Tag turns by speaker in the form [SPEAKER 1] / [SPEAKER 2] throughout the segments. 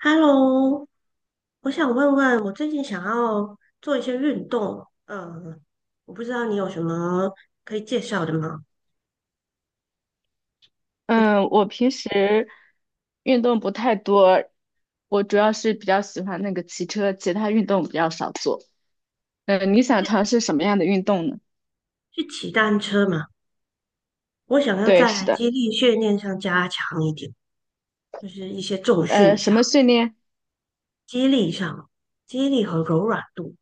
[SPEAKER 1] Hello，我想问问，我最近想要做一些运动，我不知道你有什么可以介绍的吗？我就
[SPEAKER 2] 嗯，我平时运动不太多，我主要是比较喜欢那个骑车，其他运动比较少做。你想尝
[SPEAKER 1] 是
[SPEAKER 2] 试什么样的运动呢？
[SPEAKER 1] 去骑单车嘛，我想要
[SPEAKER 2] 对，是
[SPEAKER 1] 在
[SPEAKER 2] 的。
[SPEAKER 1] 肌力训练上加强一点，就是一些重训
[SPEAKER 2] 呃，什
[SPEAKER 1] 上、
[SPEAKER 2] 么训练
[SPEAKER 1] 肌力上、肌力和柔软度。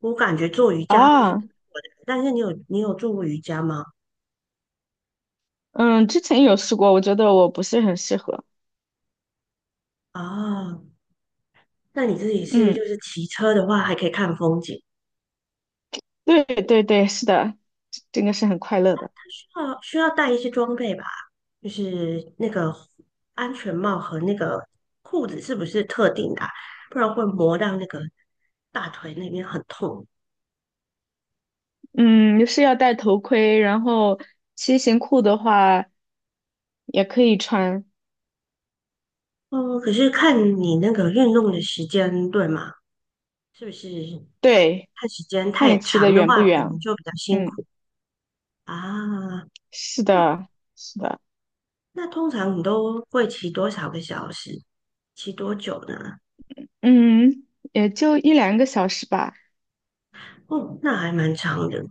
[SPEAKER 1] 我感觉做瑜伽会是不
[SPEAKER 2] 啊？
[SPEAKER 1] 错的，但是你有做过瑜伽吗？
[SPEAKER 2] 嗯，之前有试过，我觉得我不是很适合。
[SPEAKER 1] 啊，那你自己是
[SPEAKER 2] 嗯，
[SPEAKER 1] 就是骑车的话，还可以看风景。
[SPEAKER 2] 对对对，是的，这个是很快乐的。
[SPEAKER 1] 哦，需要带一些装备吧，就是那个安全帽和那个裤子是不是特定的啊，不然会磨到那个大腿那边很痛。
[SPEAKER 2] 嗯，是要戴头盔，然后骑行裤的话也可以穿。
[SPEAKER 1] 嗯，可是看你那个运动的时间对吗？是不是
[SPEAKER 2] 对，
[SPEAKER 1] 看时间
[SPEAKER 2] 看你
[SPEAKER 1] 太
[SPEAKER 2] 骑的
[SPEAKER 1] 长的
[SPEAKER 2] 远不
[SPEAKER 1] 话，可
[SPEAKER 2] 远。
[SPEAKER 1] 能就比较辛
[SPEAKER 2] 嗯，
[SPEAKER 1] 苦。啊？
[SPEAKER 2] 是
[SPEAKER 1] 那
[SPEAKER 2] 的，是的。
[SPEAKER 1] 那通常你都会骑多少个小时？骑多久呢？
[SPEAKER 2] 嗯，也就一两个小时吧。
[SPEAKER 1] 哦，那还蛮长的，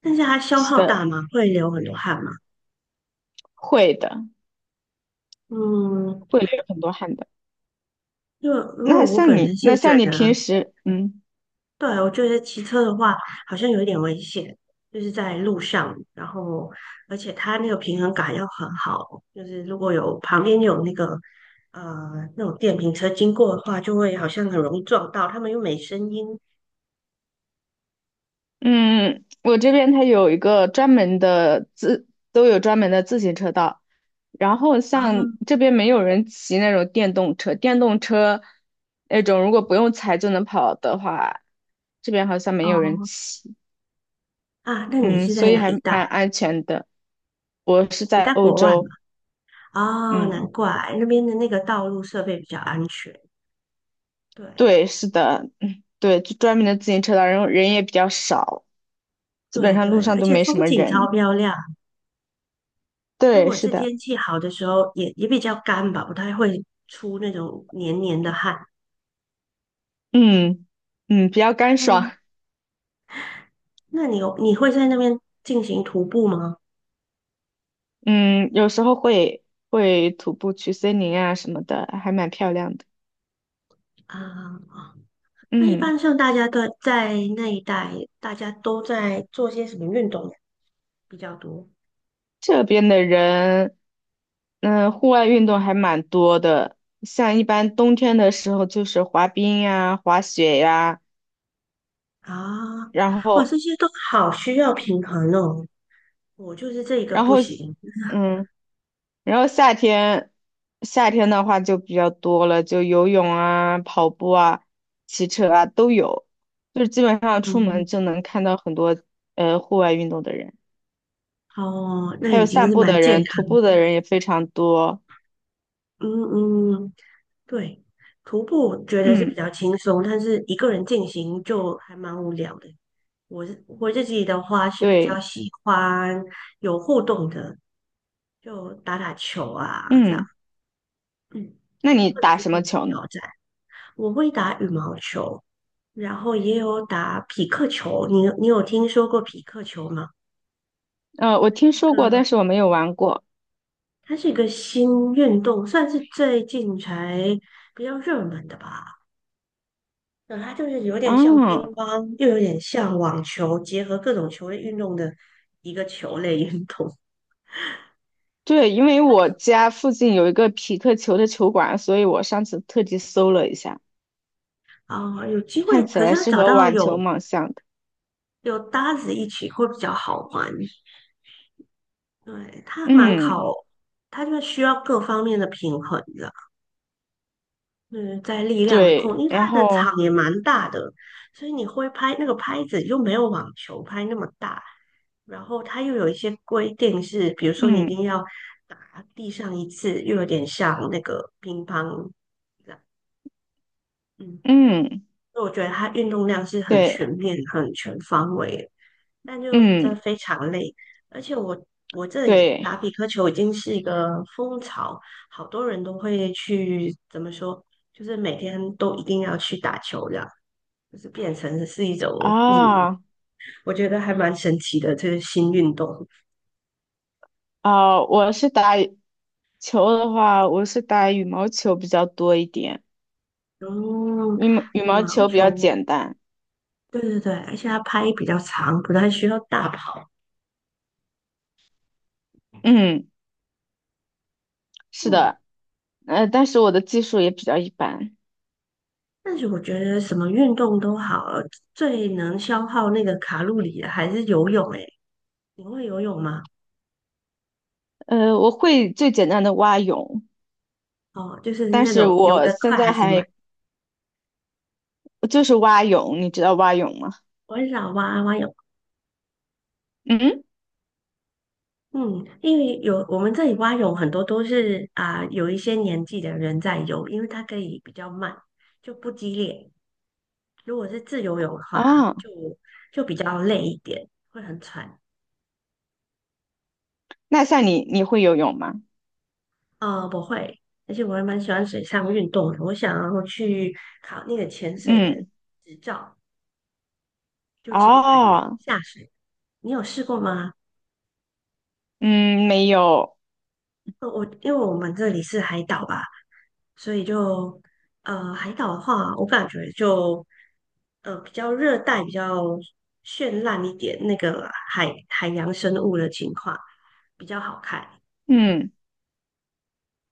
[SPEAKER 1] 但是它消
[SPEAKER 2] 是
[SPEAKER 1] 耗
[SPEAKER 2] 的，
[SPEAKER 1] 大吗？会流很多汗吗？
[SPEAKER 2] 会的，
[SPEAKER 1] 嗯。
[SPEAKER 2] 会流很多汗的。
[SPEAKER 1] 因为我本人
[SPEAKER 2] 那
[SPEAKER 1] 是觉
[SPEAKER 2] 像你
[SPEAKER 1] 得，
[SPEAKER 2] 平时，
[SPEAKER 1] 对，我就是骑车的话好像有一点危险，就是在路上，然后而且它那个平衡感要很好，就是如果有旁边有那个呃那种电瓶车经过的话，就会好像很容易撞到，他们又没声音。
[SPEAKER 2] 嗯，我这边它有一个专门的自，都有专门的自行车道。然后
[SPEAKER 1] 然
[SPEAKER 2] 像
[SPEAKER 1] 后
[SPEAKER 2] 这边没有人骑那种电动车那种如果不用踩就能跑的话，这边好像没有人
[SPEAKER 1] 哦，
[SPEAKER 2] 骑。
[SPEAKER 1] 啊，那你
[SPEAKER 2] 嗯，
[SPEAKER 1] 是
[SPEAKER 2] 所
[SPEAKER 1] 在
[SPEAKER 2] 以
[SPEAKER 1] 哪
[SPEAKER 2] 还
[SPEAKER 1] 一带？
[SPEAKER 2] 蛮安全的。我是
[SPEAKER 1] 你
[SPEAKER 2] 在
[SPEAKER 1] 在
[SPEAKER 2] 欧
[SPEAKER 1] 国外
[SPEAKER 2] 洲。
[SPEAKER 1] 吗？哦，难
[SPEAKER 2] 嗯。
[SPEAKER 1] 怪那边的那个道路设备比较安全。对
[SPEAKER 2] 对，是的，嗯，对，就专门的自行车道，然后人也比较少，基本
[SPEAKER 1] 对
[SPEAKER 2] 上
[SPEAKER 1] 对，
[SPEAKER 2] 路上
[SPEAKER 1] 而
[SPEAKER 2] 都
[SPEAKER 1] 且
[SPEAKER 2] 没什
[SPEAKER 1] 风
[SPEAKER 2] 么
[SPEAKER 1] 景超
[SPEAKER 2] 人。
[SPEAKER 1] 漂亮。如
[SPEAKER 2] 对，
[SPEAKER 1] 果
[SPEAKER 2] 是
[SPEAKER 1] 是
[SPEAKER 2] 的，
[SPEAKER 1] 天气好的时候，也比较干吧，不太会出那种黏黏的汗。
[SPEAKER 2] 嗯比较干爽。
[SPEAKER 1] 嗯，那你会在那边进行徒步吗？
[SPEAKER 2] 嗯，有时候会徒步去森林啊什么的，还蛮漂亮的。
[SPEAKER 1] 啊、那一
[SPEAKER 2] 嗯，
[SPEAKER 1] 般像大家都在那一带，大家都在做些什么运动比较多
[SPEAKER 2] 这边的人，嗯，户外运动还蛮多的，像一般冬天的时候就是滑冰呀、滑雪呀、
[SPEAKER 1] 啊？
[SPEAKER 2] 然
[SPEAKER 1] 哇，
[SPEAKER 2] 后
[SPEAKER 1] 这些都好需要平衡哦。我就是这一个
[SPEAKER 2] 然
[SPEAKER 1] 不
[SPEAKER 2] 后，
[SPEAKER 1] 行。
[SPEAKER 2] 嗯。然后夏天，夏天的话就比较多了，就游泳啊、跑步啊、骑车啊都有，就是基本上出门
[SPEAKER 1] 嗯，
[SPEAKER 2] 就能看到很多户外运动的人，
[SPEAKER 1] 哦，那
[SPEAKER 2] 还有
[SPEAKER 1] 已经
[SPEAKER 2] 散
[SPEAKER 1] 是
[SPEAKER 2] 步
[SPEAKER 1] 蛮
[SPEAKER 2] 的
[SPEAKER 1] 健
[SPEAKER 2] 人、徒
[SPEAKER 1] 康的。
[SPEAKER 2] 步的人也非常多。
[SPEAKER 1] 嗯，嗯，对，徒步觉得是比
[SPEAKER 2] 嗯，
[SPEAKER 1] 较轻松，但是一个人进行就还蛮无聊的。我自己的话是比较
[SPEAKER 2] 对，
[SPEAKER 1] 喜欢有互动的，就打打球啊这样，
[SPEAKER 2] 嗯，
[SPEAKER 1] 嗯，
[SPEAKER 2] 那你
[SPEAKER 1] 或者
[SPEAKER 2] 打
[SPEAKER 1] 是
[SPEAKER 2] 什
[SPEAKER 1] 可
[SPEAKER 2] 么
[SPEAKER 1] 以
[SPEAKER 2] 球呢？
[SPEAKER 1] 挑战。我会打羽毛球，然后也有打匹克球。你有听说过匹克球吗？
[SPEAKER 2] 呃，我听说
[SPEAKER 1] 这
[SPEAKER 2] 过，但
[SPEAKER 1] 个
[SPEAKER 2] 是我没有玩过。
[SPEAKER 1] 它是一个新运动，算是最近才比较热门的吧。对，它就是有点像乒
[SPEAKER 2] 啊，
[SPEAKER 1] 乓，又有点像网球，结合各种球类运动的一个球类运动。
[SPEAKER 2] 对，因为我家附近有一个匹克球的球馆，所以我上次特地搜了一下，
[SPEAKER 1] 啊、有机会，
[SPEAKER 2] 看起
[SPEAKER 1] 可是
[SPEAKER 2] 来
[SPEAKER 1] 要
[SPEAKER 2] 是
[SPEAKER 1] 找
[SPEAKER 2] 和
[SPEAKER 1] 到
[SPEAKER 2] 网球
[SPEAKER 1] 有
[SPEAKER 2] 蛮像的。
[SPEAKER 1] 有搭子一起会比较好玩。对，它蛮
[SPEAKER 2] 嗯。
[SPEAKER 1] 考，它就需要各方面的平衡，嗯，在力量的
[SPEAKER 2] 对，
[SPEAKER 1] 控，因为
[SPEAKER 2] 然
[SPEAKER 1] 它的
[SPEAKER 2] 后
[SPEAKER 1] 场也蛮大的，所以你挥拍那个拍子又没有网球拍那么大，然后它又有一些规定是，比如说你一
[SPEAKER 2] 嗯
[SPEAKER 1] 定要打地上一次，又有点像那个乒乓这样，嗯，
[SPEAKER 2] 嗯，
[SPEAKER 1] 所以我觉得它运动量是很全
[SPEAKER 2] 对，
[SPEAKER 1] 面、很全方位的。但就真的
[SPEAKER 2] 嗯
[SPEAKER 1] 非常累，而且我这里
[SPEAKER 2] 对
[SPEAKER 1] 打匹克球已经是一个风潮，好多人都会去，怎么说，就是每天都一定要去打球这样，就是变成是一种瘾，
[SPEAKER 2] 啊
[SPEAKER 1] 我觉得还蛮神奇的，这个新运动。
[SPEAKER 2] 啊，我是打羽球的话，我是打羽毛球比较多一点。
[SPEAKER 1] 嗯，
[SPEAKER 2] 羽
[SPEAKER 1] 羽
[SPEAKER 2] 毛
[SPEAKER 1] 毛
[SPEAKER 2] 球比较
[SPEAKER 1] 球，
[SPEAKER 2] 简单。
[SPEAKER 1] 对对对，而且它拍比较长，不太需要大跑。
[SPEAKER 2] 嗯，是
[SPEAKER 1] 嗯，
[SPEAKER 2] 的，呃，但是我的技术也比较一般。
[SPEAKER 1] 但是我觉得什么运动都好，最能消耗那个卡路里的还是游泳。诶，你会游泳吗？
[SPEAKER 2] 呃，我会最简单的蛙泳，
[SPEAKER 1] 哦，就是
[SPEAKER 2] 但
[SPEAKER 1] 那
[SPEAKER 2] 是
[SPEAKER 1] 种游
[SPEAKER 2] 我
[SPEAKER 1] 得
[SPEAKER 2] 现
[SPEAKER 1] 快
[SPEAKER 2] 在
[SPEAKER 1] 还是慢？
[SPEAKER 2] 还就是蛙泳，你知道蛙泳吗？
[SPEAKER 1] 我很少蛙泳，
[SPEAKER 2] 嗯
[SPEAKER 1] 嗯，因为有我们这里蛙泳很多都是啊、有一些年纪的人在游，因为它可以比较慢，就不激烈。如果是自由泳的话，
[SPEAKER 2] 啊，
[SPEAKER 1] 就就比较累一点，会很喘。
[SPEAKER 2] 那你会游泳吗？
[SPEAKER 1] 啊，不会，而且我还蛮喜欢水上运动的，我想要去考那个潜水的
[SPEAKER 2] 嗯
[SPEAKER 1] 执照，就潜水员
[SPEAKER 2] 哦。
[SPEAKER 1] 下水。你有试过吗？
[SPEAKER 2] 嗯，没有。
[SPEAKER 1] 我因为我们这里是海岛吧。所以就海岛的话，我感觉就比较热带，比较绚烂一点，那个海洋生物的情况比较好看。对，
[SPEAKER 2] 嗯。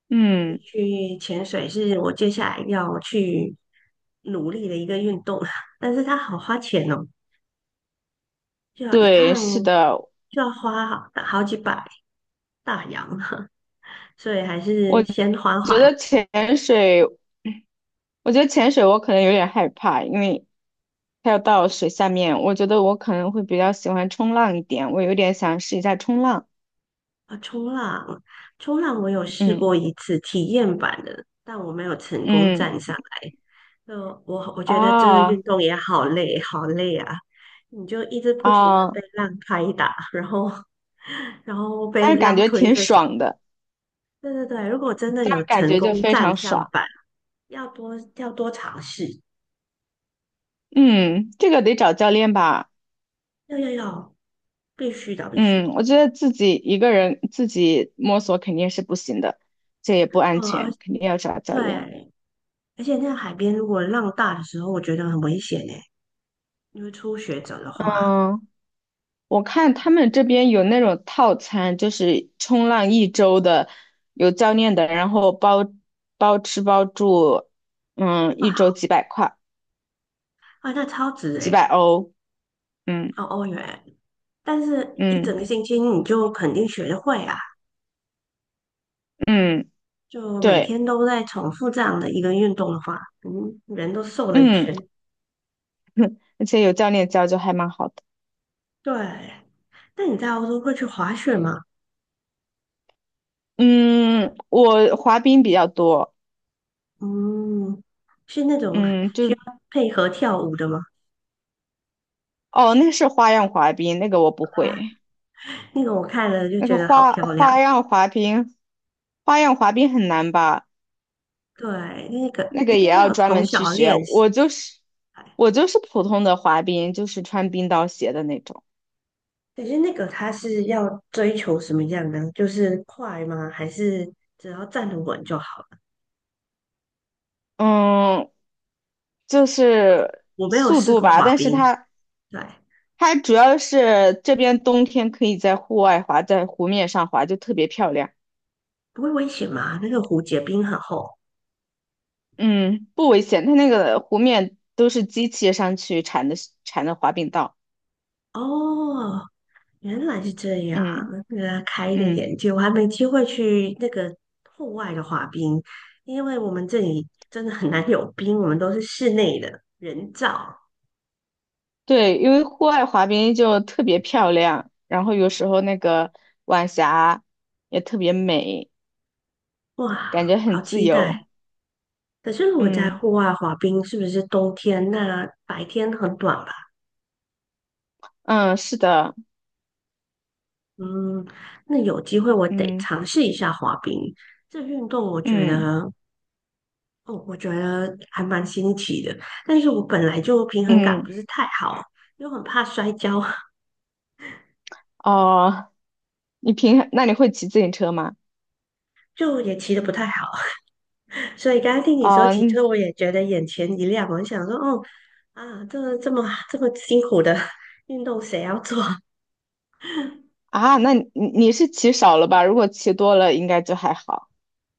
[SPEAKER 2] 嗯，
[SPEAKER 1] 去潜水是我接下来要去努力的一个运动，但是它好花钱哦，就要一
[SPEAKER 2] 对，
[SPEAKER 1] 趟
[SPEAKER 2] 是的，
[SPEAKER 1] 就要花好好几百大洋，所以还
[SPEAKER 2] 我
[SPEAKER 1] 是先缓
[SPEAKER 2] 觉
[SPEAKER 1] 缓，
[SPEAKER 2] 得潜水，我觉得潜水我可能有点害怕，因为它要到水下面，我觉得我可能会比较喜欢冲浪一点，我有点想试一下冲浪。
[SPEAKER 1] 啊，冲浪，冲浪我有试
[SPEAKER 2] 嗯
[SPEAKER 1] 过一次体验版的，但我没有成功
[SPEAKER 2] 嗯，
[SPEAKER 1] 站上来。就我觉得这个
[SPEAKER 2] 啊
[SPEAKER 1] 运动也好累，好累啊！你就一直不停的
[SPEAKER 2] 啊，
[SPEAKER 1] 被浪拍打，然后 然后
[SPEAKER 2] 但
[SPEAKER 1] 被
[SPEAKER 2] 是感
[SPEAKER 1] 浪
[SPEAKER 2] 觉
[SPEAKER 1] 推
[SPEAKER 2] 挺
[SPEAKER 1] 着走。
[SPEAKER 2] 爽的，
[SPEAKER 1] 对对对，如果真的
[SPEAKER 2] 但
[SPEAKER 1] 有
[SPEAKER 2] 是感
[SPEAKER 1] 成
[SPEAKER 2] 觉就
[SPEAKER 1] 功
[SPEAKER 2] 非常
[SPEAKER 1] 站上
[SPEAKER 2] 爽。
[SPEAKER 1] 板，要多尝试，
[SPEAKER 2] 嗯，这个得找教练吧。
[SPEAKER 1] 要要要，必须的必须。
[SPEAKER 2] 嗯，我觉得自己一个人自己摸索肯定是不行的，这也不安
[SPEAKER 1] 哦，而
[SPEAKER 2] 全，肯定要找教练。
[SPEAKER 1] 对，而且那个海边如果浪大的时候，我觉得很危险诶，因为初学者的话。
[SPEAKER 2] 嗯。我看他们这边有那种套餐，就是冲浪一周的，有教练的，然后包吃包住。嗯，一周几百块，
[SPEAKER 1] 啊，那超值
[SPEAKER 2] 几
[SPEAKER 1] 诶，
[SPEAKER 2] 百欧。嗯
[SPEAKER 1] 哦，欧元，但是一
[SPEAKER 2] 嗯
[SPEAKER 1] 整个星期你就肯定学得会啊，
[SPEAKER 2] 嗯，
[SPEAKER 1] 就每
[SPEAKER 2] 对，
[SPEAKER 1] 天都在重复这样的一个运动的话，嗯，人都瘦了一
[SPEAKER 2] 嗯，
[SPEAKER 1] 圈。
[SPEAKER 2] 而且有教练教就还蛮好的。
[SPEAKER 1] 对，那你在欧洲会去滑雪吗？
[SPEAKER 2] 嗯，我滑冰比较多。
[SPEAKER 1] 嗯，是那种
[SPEAKER 2] 嗯，就
[SPEAKER 1] 需要配合跳舞的吗？
[SPEAKER 2] 哦，那是花样滑冰，那个我不
[SPEAKER 1] 啊，
[SPEAKER 2] 会。
[SPEAKER 1] 那个我看了就
[SPEAKER 2] 那
[SPEAKER 1] 觉
[SPEAKER 2] 个
[SPEAKER 1] 得好漂亮。
[SPEAKER 2] 花样滑冰，花样滑冰很难吧？
[SPEAKER 1] 对，那个
[SPEAKER 2] 那
[SPEAKER 1] 应
[SPEAKER 2] 个也
[SPEAKER 1] 该
[SPEAKER 2] 要
[SPEAKER 1] 要
[SPEAKER 2] 专
[SPEAKER 1] 从
[SPEAKER 2] 门去
[SPEAKER 1] 小
[SPEAKER 2] 学。
[SPEAKER 1] 练习。哎，
[SPEAKER 2] 我就是普通的滑冰，就是穿冰刀鞋的那种。
[SPEAKER 1] 可是那个它是要追求什么样呢？就是快吗？还是只要站得稳就好？
[SPEAKER 2] 嗯，就是
[SPEAKER 1] 我没有
[SPEAKER 2] 速
[SPEAKER 1] 试
[SPEAKER 2] 度
[SPEAKER 1] 过
[SPEAKER 2] 吧，
[SPEAKER 1] 滑
[SPEAKER 2] 但是
[SPEAKER 1] 冰，对，
[SPEAKER 2] 它主要是这边冬天可以在户外滑，在湖面上滑就特别漂亮。
[SPEAKER 1] 不会危险吗？那个湖结冰很厚。
[SPEAKER 2] 嗯，不危险，它那个湖面都是机器上去铲的滑冰道。
[SPEAKER 1] 哦，原来是这样，
[SPEAKER 2] 嗯
[SPEAKER 1] 那个开一个
[SPEAKER 2] 嗯，
[SPEAKER 1] 眼界，我还没机会去那个户外的滑冰，因为我们这里真的很难有冰，我们都是室内的人造。
[SPEAKER 2] 对，因为户外滑冰就特别漂亮，然后有时候那个晚霞也特别美。感
[SPEAKER 1] 哇，
[SPEAKER 2] 觉很
[SPEAKER 1] 好
[SPEAKER 2] 自
[SPEAKER 1] 期
[SPEAKER 2] 由。
[SPEAKER 1] 待！可是如果在
[SPEAKER 2] 嗯
[SPEAKER 1] 户外滑冰，是不是冬天？那白天很短吧？
[SPEAKER 2] 嗯，是的，
[SPEAKER 1] 嗯，那有机会我得
[SPEAKER 2] 嗯
[SPEAKER 1] 尝试一下滑冰。这运动我觉
[SPEAKER 2] 嗯
[SPEAKER 1] 得哦，我觉得还蛮新奇的，但是我本来就平衡感
[SPEAKER 2] 嗯，
[SPEAKER 1] 不是太好，又很怕摔跤，
[SPEAKER 2] 哦，那你会骑自行车吗？
[SPEAKER 1] 就也骑得不太好，所以刚刚听你说
[SPEAKER 2] 哦，
[SPEAKER 1] 骑
[SPEAKER 2] 嗯
[SPEAKER 1] 车，我也觉得眼前一亮，我想说，哦，啊，这么这么辛苦的 运动谁要做？
[SPEAKER 2] 啊，那你你是骑少了吧？如果骑多了，应该就还好。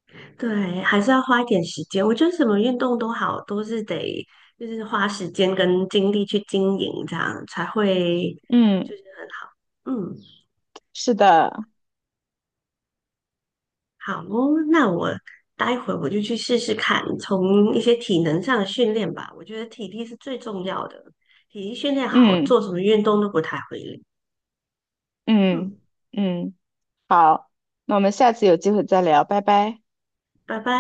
[SPEAKER 1] 对，还是要花一点时间。我觉得什么运动都好，都是得就是花时间跟精力去经营，这样才会，
[SPEAKER 2] 嗯，
[SPEAKER 1] 嗯。
[SPEAKER 2] 是的，
[SPEAKER 1] 好哦，那待会我就去试试看，从一些体能上的训练吧。我觉得体力是最重要的，体力训练好，
[SPEAKER 2] 嗯
[SPEAKER 1] 做什么运动都不太会累。
[SPEAKER 2] 嗯
[SPEAKER 1] 嗯，
[SPEAKER 2] 嗯，好，那我们下次有机会再聊，拜拜。
[SPEAKER 1] 拜拜。